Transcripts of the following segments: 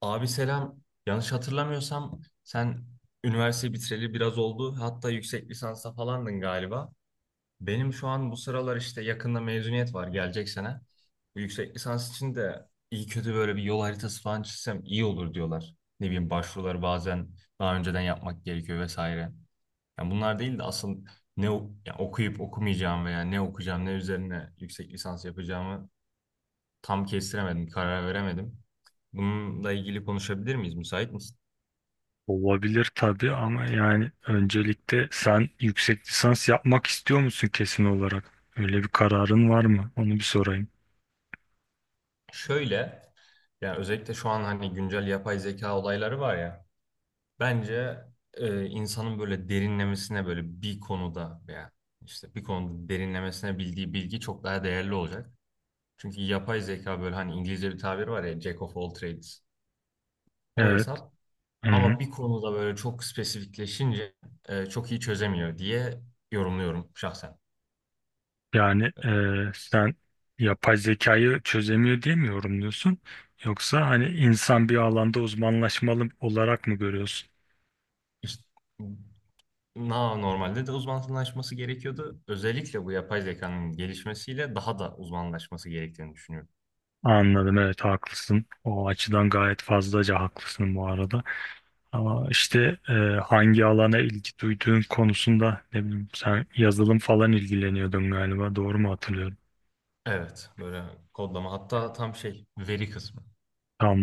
Abi selam. Yanlış hatırlamıyorsam sen üniversite bitireli biraz oldu. Hatta yüksek lisansa falandın galiba. Benim şu an bu sıralar işte yakında mezuniyet var gelecek sene. Bu yüksek lisans için de iyi kötü böyle bir yol haritası falan çizsem iyi olur diyorlar. Ne bileyim başvuruları bazen daha önceden yapmak gerekiyor vesaire. Yani bunlar değil de asıl yani okuyup okumayacağım veya ne okuyacağım ne üzerine yüksek lisans yapacağımı tam kestiremedim, karar veremedim. Bununla ilgili konuşabilir miyiz? Müsait misin? Olabilir tabii ama yani öncelikle sen yüksek lisans yapmak istiyor musun kesin olarak? Öyle bir kararın var mı? Onu bir sorayım. Şöyle, yani özellikle şu an hani güncel yapay zeka olayları var ya, bence insanın böyle derinlemesine böyle bir konuda veya işte bir konuda derinlemesine bildiği bilgi çok daha değerli olacak. Çünkü yapay zeka böyle hani İngilizce bir tabir var ya, Jack of all trades, o Evet. hesap. Hı-hı. Ama bir konuda böyle çok spesifikleşince çok iyi çözemiyor diye yorumluyorum şahsen. Yani sen yapay zekayı çözemiyor diye mi yorumluyorsun? Yoksa hani insan bir alanda uzmanlaşmalı olarak mı görüyorsun? İşte normalde de uzmanlaşması gerekiyordu. Özellikle bu yapay zekanın gelişmesiyle daha da uzmanlaşması gerektiğini düşünüyorum. Anladım, evet, haklısın. O açıdan gayet fazlaca haklısın bu arada. Ama işte hangi alana ilgi duyduğun konusunda ne bileyim sen yazılım falan ilgileniyordun galiba, doğru mu hatırlıyorum? Evet, böyle kodlama hatta tam şey veri kısmı,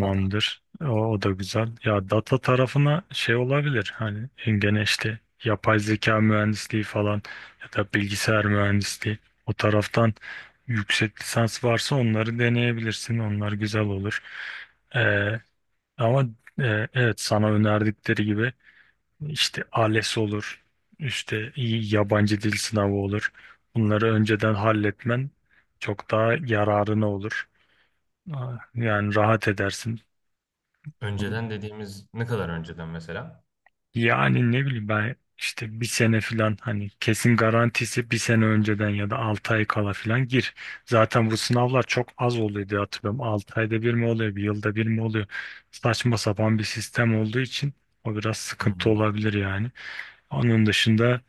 data. O da güzel. Ya data tarafına şey olabilir hani, gene işte yapay zeka mühendisliği falan ya da bilgisayar mühendisliği, o taraftan yüksek lisans varsa onları deneyebilirsin. Onlar güzel olur. E, ama evet, sana önerdikleri gibi işte ALES olur, işte iyi yabancı dil sınavı olur. Bunları önceden halletmen çok daha yararına olur. Aa, yani rahat edersin. Önceden dediğimiz ne kadar önceden mesela? Yani ne bileyim, ben işte bir sene falan hani kesin garantisi, bir sene önceden ya da 6 ay kala falan gir. Zaten bu sınavlar çok az oluyor diye hatırlıyorum. 6 ayda bir mi oluyor, bir yılda bir mi oluyor? Saçma sapan bir sistem olduğu için o biraz sıkıntı Hmm. olabilir yani. Onun dışında,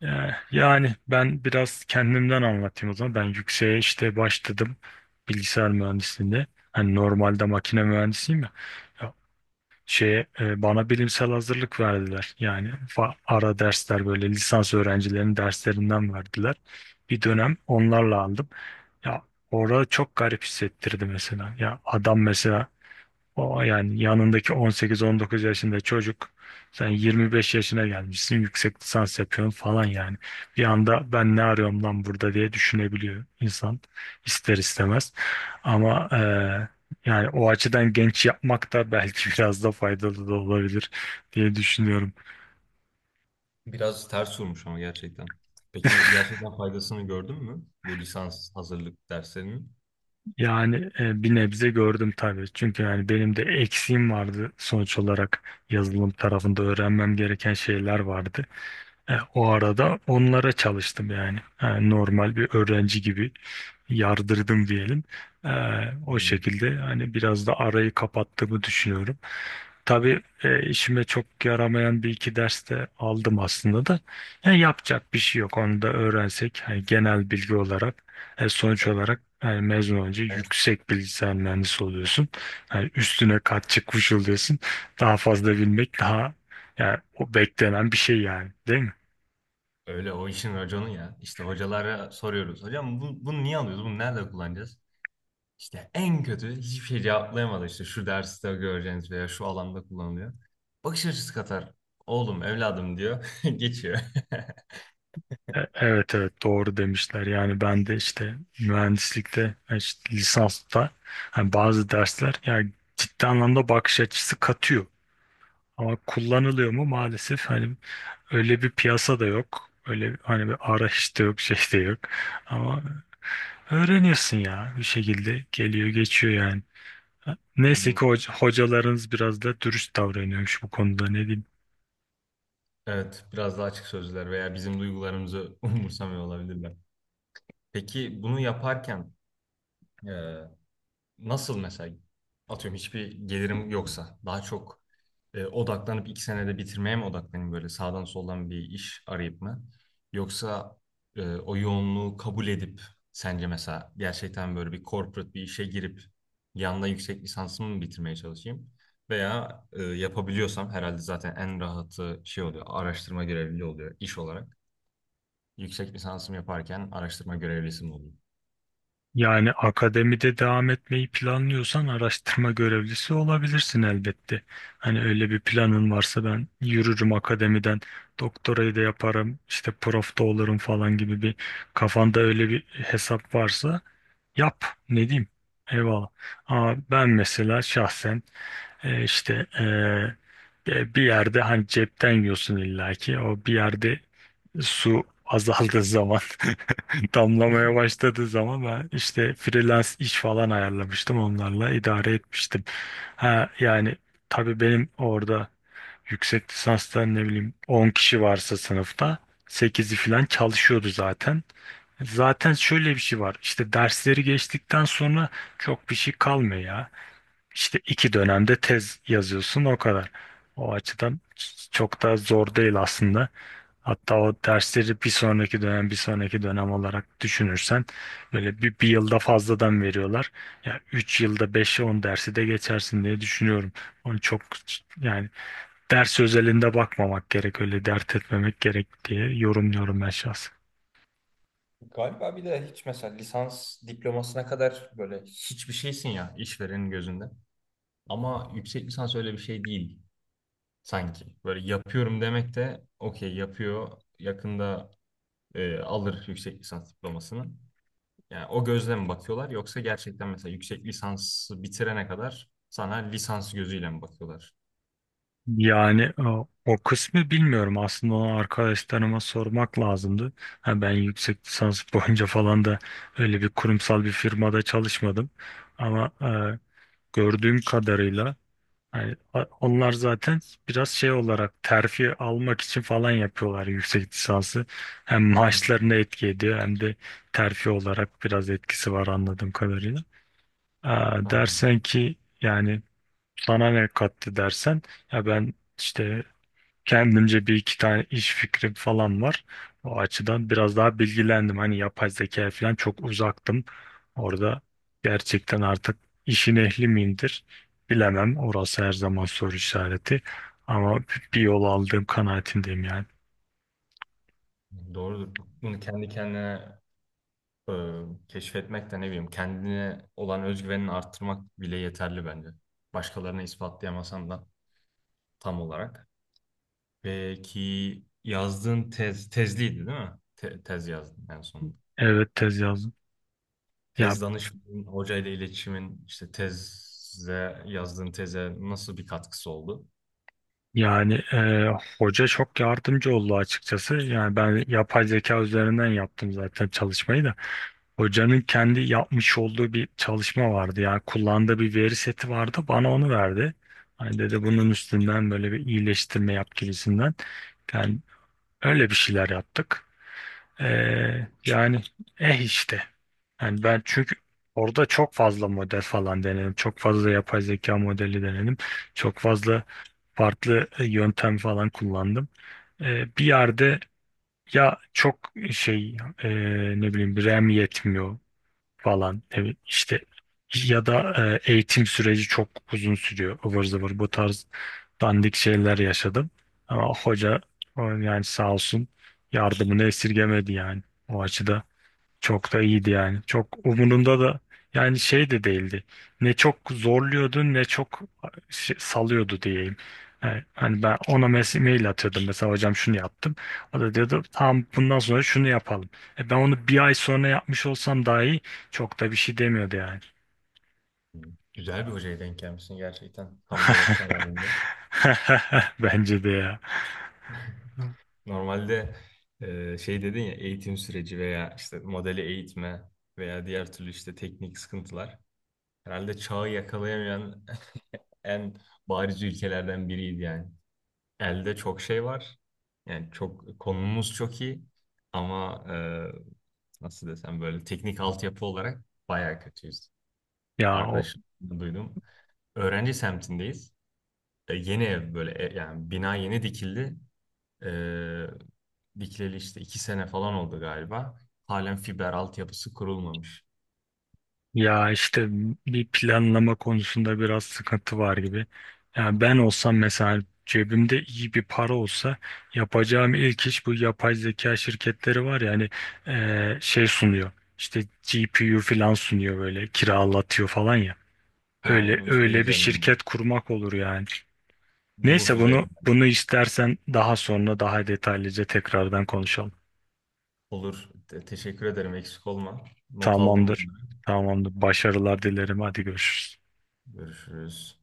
yani ben biraz kendimden anlatayım o zaman. Ben yükseğe işte başladım, bilgisayar mühendisliğinde. Hani normalde makine mühendisiyim ya. Ya şeye, bana bilimsel hazırlık verdiler. Yani ara dersler, böyle lisans öğrencilerinin derslerinden verdiler. Bir dönem onlarla aldım. Ya, orada çok garip hissettirdi mesela. Ya adam mesela, o yani yanındaki 18-19 yaşında çocuk, sen 25 yaşına gelmişsin yüksek lisans yapıyorsun falan yani. Bir anda ben ne arıyorum lan burada diye düşünebiliyor insan, ister istemez. Ama yani o açıdan genç yapmak da belki biraz da faydalı da olabilir diye düşünüyorum. Biraz ters vurmuş ama gerçekten. Peki gerçekten faydasını gördün mü bu lisans hazırlık derslerinin? Yani bir nebze gördüm tabii. Çünkü yani benim de eksiğim vardı sonuç olarak, yazılım tarafında öğrenmem gereken şeyler vardı. O arada onlara çalıştım yani. Normal bir öğrenci gibi yardırdım diyelim. E, o Hmm. şekilde hani biraz da arayı kapattığımı düşünüyorum. Tabii işime çok yaramayan bir iki ders de aldım aslında da. Yapacak bir şey yok. Onu da öğrensek hani genel bilgi olarak, sonuç olarak yani mezun olunca Evet, yüksek bilgisayar mühendisi oluyorsun. Yani üstüne kat çıkmış oluyorsun. Daha fazla bilmek, daha yani o beklenen bir şey yani, değil mi? öyle o işin raconu ya. İşte hocalara soruyoruz. Hocam bunu niye alıyoruz? Bunu nerede kullanacağız? İşte en kötü hiçbir şey cevaplayamadı, işte şu derste göreceğiniz veya şu alanda kullanılıyor. Bakış açısı katar. Oğlum evladım diyor. Geçiyor. Evet, evet, doğru demişler. Yani ben de işte mühendislikte işte lisansta hani bazı dersler yani ciddi anlamda bakış açısı katıyor. Ama kullanılıyor mu maalesef, hani öyle bir piyasa da yok. Öyle hani bir arayış da yok, şey de yok. Ama öğreniyorsun ya, bir şekilde geliyor geçiyor yani. Hı Neyse hı. ki hocalarınız biraz da dürüst davranıyormuş bu konuda, ne diyeyim. Evet, biraz daha açık sözler veya bizim duygularımızı umursamıyor olabilirler. Peki bunu yaparken e, Nasıl mesela atıyorum, hiçbir gelirim yoksa daha çok odaklanıp 2 senede bitirmeye mi odaklanayım, böyle sağdan soldan bir iş arayıp mı? Yoksa o yoğunluğu kabul edip sence mesela gerçekten böyle bir corporate bir işe girip yanında yüksek lisansımı mı bitirmeye çalışayım? Veya yapabiliyorsam herhalde zaten en rahatı şey oluyor, araştırma görevliliği oluyor iş olarak. Yüksek lisansımı yaparken araştırma görevlisi mi olayım? Yani akademide devam etmeyi planlıyorsan araştırma görevlisi olabilirsin elbette. Hani öyle bir planın varsa, ben yürürüm akademiden, doktorayı da yaparım, işte prof da olurum falan gibi bir, kafanda öyle bir hesap varsa yap. Ne diyeyim? Eyvallah. Ama ben mesela şahsen, işte bir yerde hani cepten yiyorsun illaki. O bir yerde su azaldığı zaman, damlamaya başladığı zaman ben işte freelance iş falan ayarlamıştım, onlarla idare etmiştim. Ha yani tabii, benim orada yüksek lisanstan ne bileyim 10 kişi varsa sınıfta, sekizi falan çalışıyordu zaten. Zaten şöyle bir şey var, işte dersleri geçtikten sonra çok bir şey kalmıyor ya. İşte 2 dönemde tez yazıyorsun, o kadar. O açıdan çok da zor değil aslında. Hatta o dersleri bir sonraki dönem bir sonraki dönem olarak düşünürsen, böyle bir yılda fazladan veriyorlar. Ya 3 yılda 5 on dersi de geçersin diye düşünüyorum. Onu çok yani ders özelinde bakmamak gerek, öyle dert etmemek gerek diye yorumluyorum ben şahsen. Galiba bir de hiç mesela lisans diplomasına kadar böyle hiçbir şeysin ya işverenin gözünde. Ama yüksek lisans öyle bir şey değil sanki. Böyle yapıyorum demek de okey, yapıyor, yakında alır yüksek lisans diplomasını. Yani o gözle mi bakıyorlar yoksa gerçekten mesela yüksek lisansı bitirene kadar sana lisans gözüyle mi bakıyorlar? Yani o kısmı bilmiyorum. Aslında onu arkadaşlarıma sormak lazımdı. Ha, ben yüksek lisans boyunca falan da öyle bir kurumsal bir firmada çalışmadım. Ama gördüğüm kadarıyla, yani onlar zaten biraz şey olarak terfi almak için falan yapıyorlar yüksek lisansı. Hem maaşlarına Hmm, etki ediyor hem de terfi olarak biraz etkisi var anladığım kadarıyla. Aa, anladım. dersen ki yani sana ne kattı dersen, ya ben işte kendimce bir iki tane iş fikrim falan var. O açıdan biraz daha bilgilendim. Hani yapay zeka falan çok uzaktım. Orada gerçekten artık işin ehli miyimdir bilemem. Orası her zaman soru işareti. Ama bir yol aldığım kanaatindeyim yani. Doğrudur. Bunu kendi kendine e, keşfetmek de, ne bileyim, kendine olan özgüvenini arttırmak bile yeterli bence. Başkalarına ispatlayamasan da tam olarak. Peki yazdığın tez, tezliydi değil mi? Tez yazdın en sonunda. Evet, tez yazdım. Ya Tez danışmanın, hocayla iletişimin, işte yazdığın teze nasıl bir katkısı oldu? yani hoca çok yardımcı oldu açıkçası. Yani ben yapay zeka üzerinden yaptım zaten çalışmayı da. Hocanın kendi yapmış olduğu bir çalışma vardı ya. Kullandığı bir veri seti vardı. Bana onu verdi. Hani dedi bunun üstünden böyle bir iyileştirme yap gibisinden. Yani öyle bir şeyler yaptık. Yani, eh işte. Yani ben çünkü orada çok fazla model falan denedim. Çok fazla yapay zeka modeli denedim. Çok fazla farklı yöntem falan kullandım. Bir yerde ya çok şey, e, ne bileyim, RAM yetmiyor falan, evet işte, ya da eğitim süreci çok uzun sürüyor, ıvır zıvır, bu tarz dandik şeyler yaşadım. Ama hoca, o yani sağ olsun yardımını esirgemedi yani, o açıda çok da iyiydi yani. Çok umurumda da yani şey de değildi. Ne çok zorluyordu ne çok salıyordu diyeyim. Yani hani ben ona mail atıyordum mesela, hocam şunu yaptım. O da diyordu tamam, bundan sonra şunu yapalım. Ben onu bir ay sonra yapmış olsam dahi çok da bir şey demiyordu yani. Hı. Güzel bir hocaya denk gelmişsin gerçekten. Tam böyle kararında. Bence de ya. Normalde şey dedin ya, eğitim süreci veya işte modeli eğitme veya diğer türlü işte teknik sıkıntılar. Herhalde çağı yakalayamayan en bariz ülkelerden biriydi yani. Elde çok şey var. Yani çok, konumuz çok iyi ama nasıl desem böyle teknik altyapı olarak bayağı kötüyüz. Ya o Arkadaşım, duydum. Öğrenci semtindeyiz. E, yeni ev, böyle yani bina yeni dikildi. E, dikileli işte 2 sene falan oldu galiba. Halen fiber altyapısı kurulmamış. Ya işte bir planlama konusunda biraz sıkıntı var gibi. Yani ben olsam mesela, cebimde iyi bir para olsa, yapacağım ilk iş, bu yapay zeka şirketleri var ya hani, şey sunuyor. İşte GPU falan sunuyor, böyle kiralatıyor falan ya. Öyle Yani şey öyle bir üzerine, şirket kurmak olur yani. bulut Neyse, üzerine. bunu istersen daha sonra daha detaylıca tekrardan konuşalım. Olur. Teşekkür ederim. Eksik olma. Not aldım Tamamdır. bunları. Tamamdır. Başarılar dilerim. Hadi görüşürüz. Görüşürüz.